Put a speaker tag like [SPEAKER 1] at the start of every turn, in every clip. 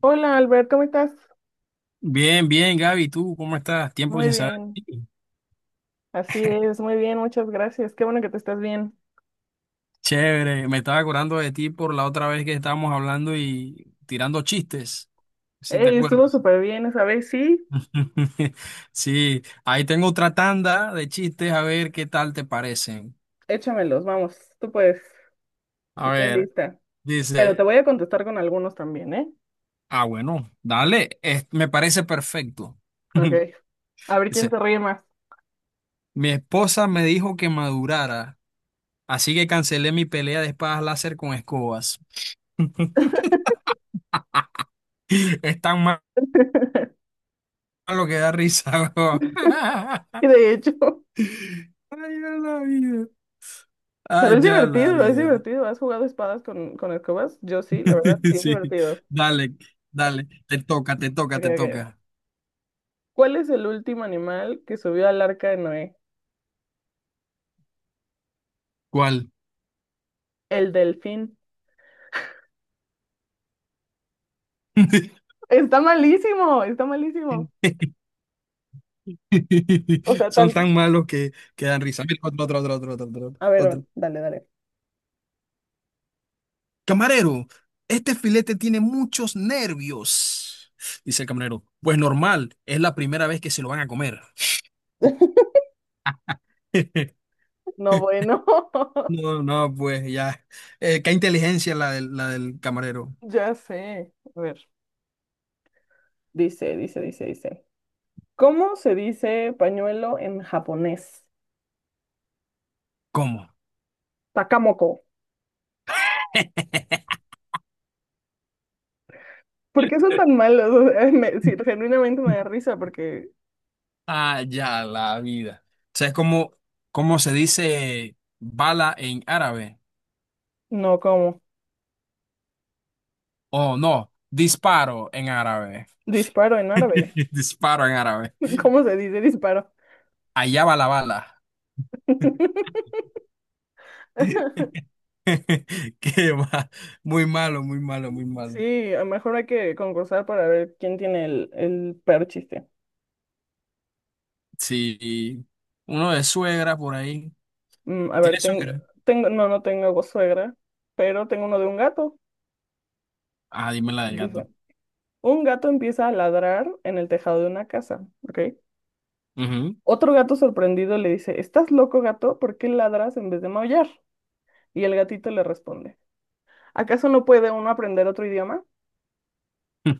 [SPEAKER 1] Hola Albert, ¿cómo estás?
[SPEAKER 2] Bien, bien, Gaby, ¿tú cómo estás? Tiempo
[SPEAKER 1] Muy
[SPEAKER 2] sin saber
[SPEAKER 1] bien,
[SPEAKER 2] de ti.
[SPEAKER 1] así es, muy bien, muchas gracias. Qué bueno que te estás bien.
[SPEAKER 2] Chévere, me estaba acordando de ti por la otra vez que estábamos hablando y tirando chistes, si te
[SPEAKER 1] Ey, estuvo
[SPEAKER 2] acuerdas.
[SPEAKER 1] súper bien esa vez, sí.
[SPEAKER 2] Sí, ahí tengo otra tanda de chistes, a ver qué tal te parecen.
[SPEAKER 1] Échamelos, vamos, tú puedes,
[SPEAKER 2] A
[SPEAKER 1] estoy
[SPEAKER 2] ver,
[SPEAKER 1] lista. Pero te
[SPEAKER 2] dice,
[SPEAKER 1] voy a contestar con algunos también, ¿eh?
[SPEAKER 2] ah, bueno, dale, me parece perfecto.
[SPEAKER 1] Ok, a ver quién
[SPEAKER 2] Dice,
[SPEAKER 1] se ríe más.
[SPEAKER 2] mi esposa me dijo que madurara, así que cancelé mi pelea de espadas láser con escobas. Están mal lo que da risa, weón.
[SPEAKER 1] Y de hecho,
[SPEAKER 2] Ay, ya la vida.
[SPEAKER 1] pero
[SPEAKER 2] Ay,
[SPEAKER 1] es
[SPEAKER 2] ya la
[SPEAKER 1] divertido, es
[SPEAKER 2] vida.
[SPEAKER 1] divertido. ¿Has jugado espadas con escobas? Yo sí, la verdad, sí es
[SPEAKER 2] Sí,
[SPEAKER 1] divertido.
[SPEAKER 2] dale, dale. Te toca, te toca,
[SPEAKER 1] Ok,
[SPEAKER 2] te
[SPEAKER 1] ok.
[SPEAKER 2] toca.
[SPEAKER 1] ¿Cuál es el último animal que subió al arca de Noé?
[SPEAKER 2] ¿Cuál?
[SPEAKER 1] El delfín. Está malísimo, está malísimo. O sea,
[SPEAKER 2] Son
[SPEAKER 1] tan,
[SPEAKER 2] tan malos que dan risa. Mira, otro, otro, otro, otro, otro, otro,
[SPEAKER 1] a ver,
[SPEAKER 2] otro.
[SPEAKER 1] dale, dale.
[SPEAKER 2] Camarero, este filete tiene muchos nervios. Dice el camarero. Pues normal, es la primera vez que se lo van a comer.
[SPEAKER 1] No, bueno,
[SPEAKER 2] No, no, pues ya. Qué inteligencia la del camarero.
[SPEAKER 1] ya sé. A ver, Dice. ¿Cómo se dice pañuelo en japonés?
[SPEAKER 2] ¿Cómo?
[SPEAKER 1] Takamoko. ¿Por qué son tan malos? O sea, sí, genuinamente me da risa porque
[SPEAKER 2] Ah, ya, la vida. O sea, es como, ¿cómo se dice bala en árabe?
[SPEAKER 1] no, ¿cómo?
[SPEAKER 2] Oh, no, disparo en árabe.
[SPEAKER 1] Disparo en árabe.
[SPEAKER 2] Disparo en árabe.
[SPEAKER 1] ¿Cómo se dice disparo?
[SPEAKER 2] Allá va la bala. Qué va. Muy malo, muy malo, muy malo.
[SPEAKER 1] Sí, a lo mejor hay que concursar para ver quién tiene el peor chiste.
[SPEAKER 2] Sí, uno de suegra por ahí.
[SPEAKER 1] Mm, a
[SPEAKER 2] ¿Tiene
[SPEAKER 1] ver, tengo,
[SPEAKER 2] suegra?
[SPEAKER 1] tengo, no, no tengo suegra, pero tengo uno de un gato.
[SPEAKER 2] Ah, dime la del
[SPEAKER 1] Dice.
[SPEAKER 2] gato.
[SPEAKER 1] Un gato empieza a ladrar en el tejado de una casa, ¿ok?
[SPEAKER 2] Ujú.
[SPEAKER 1] Otro gato sorprendido le dice, ¿estás loco, gato? ¿Por qué ladras en vez de maullar? Y el gatito le responde, ¿acaso no puede uno aprender otro idioma?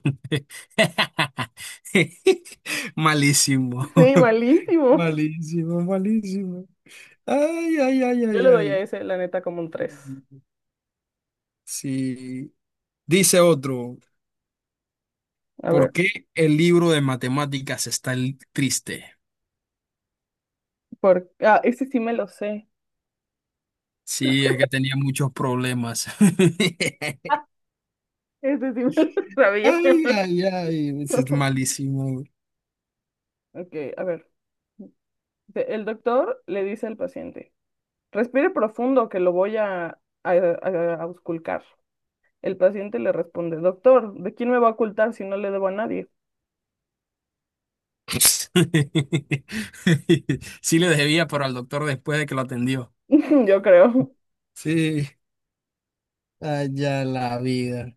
[SPEAKER 2] Malísimo.
[SPEAKER 1] Sí, malísimo.
[SPEAKER 2] Malísimo, malísimo. Ay, ay, ay,
[SPEAKER 1] Yo
[SPEAKER 2] ay,
[SPEAKER 1] le doy a
[SPEAKER 2] ay.
[SPEAKER 1] ese, la neta, como un tres.
[SPEAKER 2] Sí. Dice otro,
[SPEAKER 1] A
[SPEAKER 2] ¿por
[SPEAKER 1] ver,
[SPEAKER 2] qué el libro de matemáticas está triste?
[SPEAKER 1] por... Ah, ese sí me lo sé.
[SPEAKER 2] Sí, es que tenía muchos problemas.
[SPEAKER 1] Ah, ese sí me lo sabía.
[SPEAKER 2] Ay, ay, ay, ese es malísimo.
[SPEAKER 1] Ok, a ver. Dice, el doctor le dice al paciente, respire profundo que lo voy a ausculcar. El paciente le responde, doctor, ¿de quién me va a ocultar si no le debo a nadie?
[SPEAKER 2] Sí le debía, pero al doctor después de que lo atendió.
[SPEAKER 1] Yo creo.
[SPEAKER 2] Sí, allá la vida.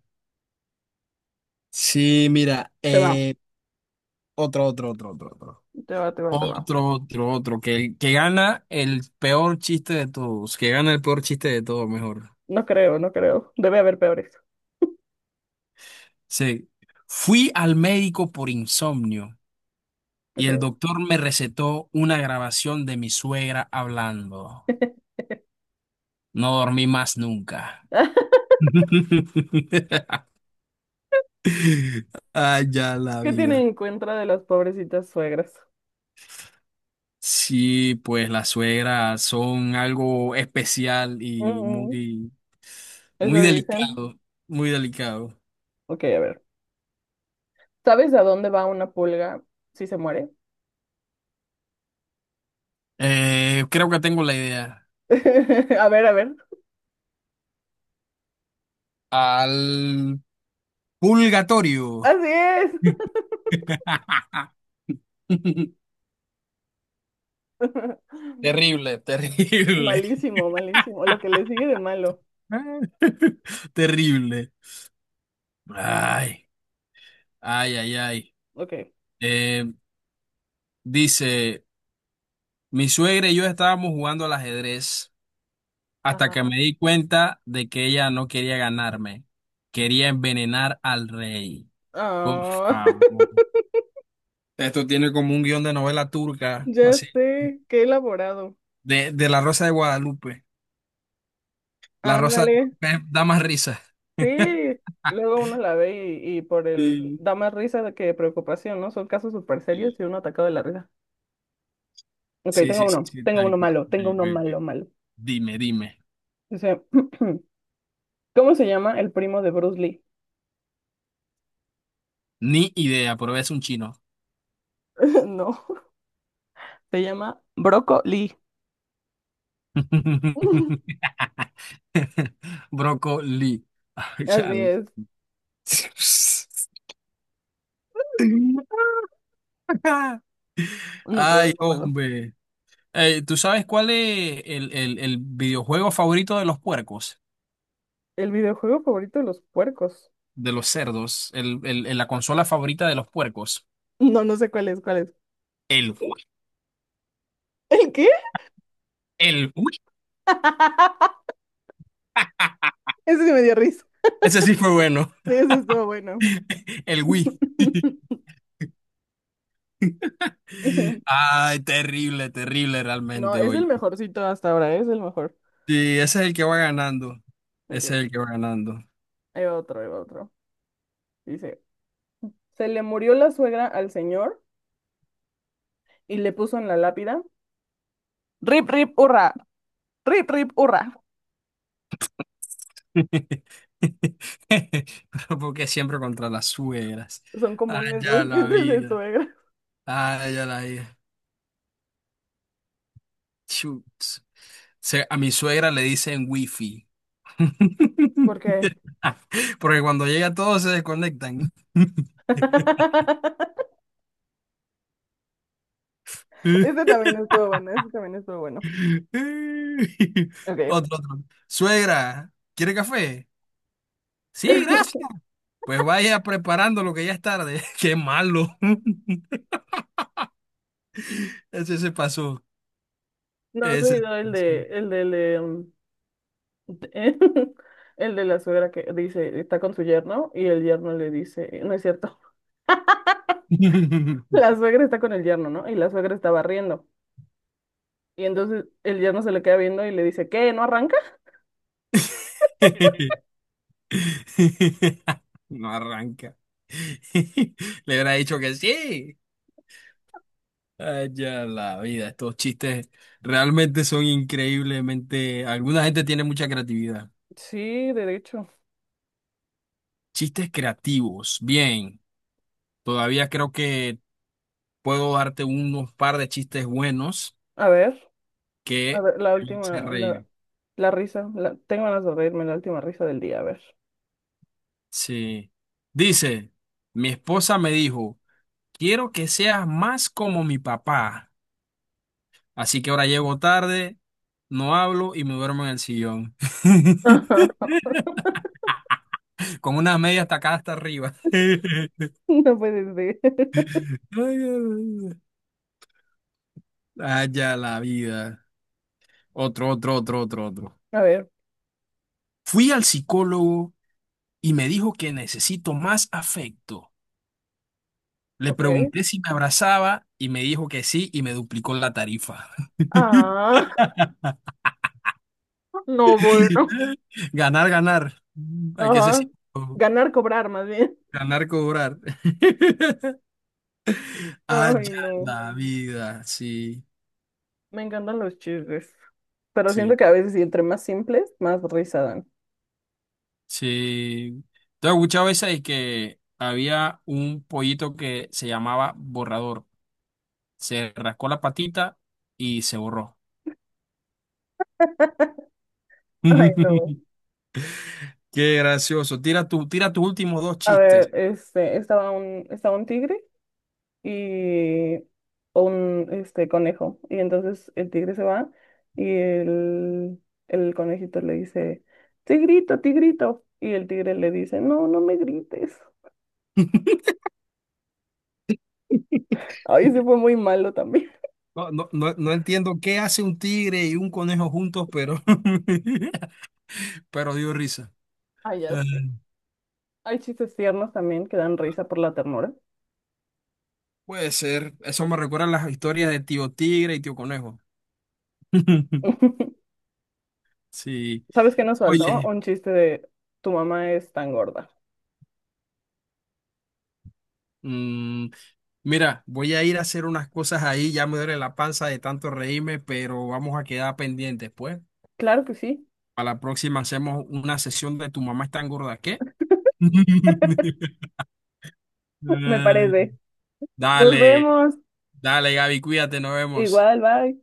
[SPEAKER 2] Sí, mira,
[SPEAKER 1] Te va,
[SPEAKER 2] otro, otro, otro, otro, otro.
[SPEAKER 1] te va, te va, te va.
[SPEAKER 2] Otro, otro, otro, que gana el peor chiste de todos, que gana el peor chiste de todos, mejor.
[SPEAKER 1] No creo, no creo. Debe haber peores.
[SPEAKER 2] Sí. Fui al médico por insomnio y
[SPEAKER 1] Okay.
[SPEAKER 2] el doctor me recetó una grabación de mi suegra hablando. No dormí más nunca. Ay, ya la
[SPEAKER 1] ¿Qué tienen
[SPEAKER 2] vida.
[SPEAKER 1] en contra de las pobrecitas suegras?
[SPEAKER 2] Sí, pues las suegras son algo especial y
[SPEAKER 1] Mm,
[SPEAKER 2] muy
[SPEAKER 1] eso dicen.
[SPEAKER 2] delicado, muy delicado.
[SPEAKER 1] Ok, a ver. ¿Sabes a dónde va una pulga si se muere?
[SPEAKER 2] Creo que tengo la idea.
[SPEAKER 1] A ver, a ver.
[SPEAKER 2] Al purgatorio.
[SPEAKER 1] Así es.
[SPEAKER 2] Terrible, terrible.
[SPEAKER 1] Malísimo, malísimo. Lo que le sigue de malo.
[SPEAKER 2] Terrible. Ay, ay, ay, ay.
[SPEAKER 1] Ok.
[SPEAKER 2] Eh, Dice, mi suegra y yo estábamos jugando al ajedrez hasta que
[SPEAKER 1] Ajá.
[SPEAKER 2] me di cuenta de que ella no quería ganarme. Quería envenenar al rey. Por
[SPEAKER 1] Ah,
[SPEAKER 2] favor. Esto tiene como un guión de novela turca,
[SPEAKER 1] ya
[SPEAKER 2] así.
[SPEAKER 1] sé, qué elaborado.
[SPEAKER 2] De La Rosa de Guadalupe. La Rosa de
[SPEAKER 1] Ándale.
[SPEAKER 2] Guadalupe da más risa.
[SPEAKER 1] Sí, luego uno la ve y por el
[SPEAKER 2] Sí,
[SPEAKER 1] da más risa que preocupación, ¿no? Son casos súper serios y uno atacado de la risa. Ok,
[SPEAKER 2] sí, sí, sí, sí, tal cual. Ok,
[SPEAKER 1] tengo
[SPEAKER 2] ok,
[SPEAKER 1] uno
[SPEAKER 2] ok.
[SPEAKER 1] malo, malo.
[SPEAKER 2] Dime, dime.
[SPEAKER 1] Dice, ¿cómo se llama el primo de Bruce Lee?
[SPEAKER 2] Ni idea, pero es un chino.
[SPEAKER 1] No, se llama Brócoli.
[SPEAKER 2] Brócoli. Ay,
[SPEAKER 1] Así
[SPEAKER 2] chal.
[SPEAKER 1] es. No puedo,
[SPEAKER 2] Ay,
[SPEAKER 1] no puedo.
[SPEAKER 2] hombre. ¿Tú sabes cuál es el videojuego favorito de los puercos?
[SPEAKER 1] El videojuego favorito de los puercos.
[SPEAKER 2] De los cerdos. La consola favorita de los puercos.
[SPEAKER 1] No, no sé cuál es, cuál es.
[SPEAKER 2] El Wii.
[SPEAKER 1] ¿El qué?
[SPEAKER 2] El Wii.
[SPEAKER 1] Ese sí me dio risa.
[SPEAKER 2] Ese sí fue bueno.
[SPEAKER 1] Sí, ese estuvo bueno.
[SPEAKER 2] El Wii. Ay, terrible, terrible
[SPEAKER 1] No,
[SPEAKER 2] realmente
[SPEAKER 1] es el
[SPEAKER 2] hoy.
[SPEAKER 1] mejorcito hasta ahora, es el mejor.
[SPEAKER 2] Sí, ese es el que va ganando.
[SPEAKER 1] Ok,
[SPEAKER 2] Ese es el que va ganando.
[SPEAKER 1] ahí va otro, ahí va otro. Dice, se le murió la suegra al señor y le puso en la lápida, rip, rip, hurra. Rip, rip, hurra.
[SPEAKER 2] Pero porque siempre contra las suegras.
[SPEAKER 1] Son
[SPEAKER 2] Ay,
[SPEAKER 1] comunes
[SPEAKER 2] ya
[SPEAKER 1] los
[SPEAKER 2] la
[SPEAKER 1] chistes de
[SPEAKER 2] vida.
[SPEAKER 1] suegra.
[SPEAKER 2] Ay, ya la vida. Chutz. A mi suegra le dicen wifi.
[SPEAKER 1] Porque
[SPEAKER 2] Porque cuando llega todos se desconectan.
[SPEAKER 1] este también estuvo bueno, este también estuvo bueno. Ok.
[SPEAKER 2] Otro, otro. Suegra, ¿quiere café? Sí, gracias. Pues vaya preparando lo que ya es tarde. Qué malo. Ese se pasó.
[SPEAKER 1] No, has
[SPEAKER 2] Ese se
[SPEAKER 1] oído el
[SPEAKER 2] pasó.
[SPEAKER 1] de, el de, el de, de el de la suegra que dice, está con su yerno y el yerno le dice, no es cierto, la suegra está con el yerno, ¿no? Y la suegra está barriendo. Y entonces el yerno se le queda viendo y le dice, ¿qué? ¿No arranca?
[SPEAKER 2] No arranca. Le hubiera dicho que sí. Ay, ya la vida. Estos chistes realmente son increíblemente. Alguna gente tiene mucha creatividad.
[SPEAKER 1] Sí, derecho.
[SPEAKER 2] Chistes creativos. Bien. Todavía creo que puedo darte unos par de chistes buenos
[SPEAKER 1] A ver. A
[SPEAKER 2] que
[SPEAKER 1] ver, la
[SPEAKER 2] te van a hacer
[SPEAKER 1] última, la,
[SPEAKER 2] reír.
[SPEAKER 1] la risa. Tengo ganas de reírme, la última risa del día, a ver.
[SPEAKER 2] Sí. Dice, mi esposa me dijo, quiero que seas más como mi papá. Así que ahora llego tarde, no hablo y me duermo en el sillón. Con unas medias tacadas hasta arriba. Ay,
[SPEAKER 1] No puedes decir.
[SPEAKER 2] ay, ay. Allá la vida. Otro, otro, otro, otro, otro.
[SPEAKER 1] A ver,
[SPEAKER 2] Fui al psicólogo y me dijo que necesito más afecto. Le
[SPEAKER 1] ok.
[SPEAKER 2] pregunté si me abrazaba y me dijo que sí y me duplicó la tarifa.
[SPEAKER 1] Ah, no, bueno.
[SPEAKER 2] Ganar, ganar. Hay que ser
[SPEAKER 1] Ajá.
[SPEAKER 2] cínico.
[SPEAKER 1] Ganar, cobrar, más bien.
[SPEAKER 2] Ganar, cobrar.
[SPEAKER 1] Ay,
[SPEAKER 2] Allá
[SPEAKER 1] no.
[SPEAKER 2] la vida. Sí,
[SPEAKER 1] Me encantan los chistes. Pero siento
[SPEAKER 2] sí,
[SPEAKER 1] que a veces, y entre más simples, más risa dan.
[SPEAKER 2] sí. Te he escuchado esa y que había un pollito que se llamaba borrador. Se rascó la patita y se borró.
[SPEAKER 1] Ay, no.
[SPEAKER 2] Qué gracioso. Tira tus últimos dos
[SPEAKER 1] A
[SPEAKER 2] chistes.
[SPEAKER 1] ver, este, estaba un tigre. Y o un este conejo. Y entonces el tigre se va y el conejito le dice, tigrito, tigrito. Y el tigre le dice, no, no me grites. Ay, se fue muy malo también.
[SPEAKER 2] No, no, no, no entiendo qué hace un tigre y un conejo juntos, pero, pero dio risa.
[SPEAKER 1] Ay, ya sé. Hay chistes tiernos también que dan risa por la ternura.
[SPEAKER 2] Puede ser. Eso me recuerda a las historias de Tío Tigre y Tío Conejo. Sí.
[SPEAKER 1] ¿Sabes qué nos faltó?
[SPEAKER 2] Oye,
[SPEAKER 1] Un chiste de tu mamá es tan gorda.
[SPEAKER 2] mm, mira, voy a ir a hacer unas cosas ahí, ya me duele la panza de tanto reírme, pero vamos a quedar pendientes, pues.
[SPEAKER 1] Claro que sí,
[SPEAKER 2] Para la próxima hacemos una sesión de tu mamá es tan gorda, ¿qué?
[SPEAKER 1] me
[SPEAKER 2] Ay,
[SPEAKER 1] parece. Nos
[SPEAKER 2] dale,
[SPEAKER 1] vemos.
[SPEAKER 2] dale, Gaby, cuídate, nos vemos.
[SPEAKER 1] Igual, bye.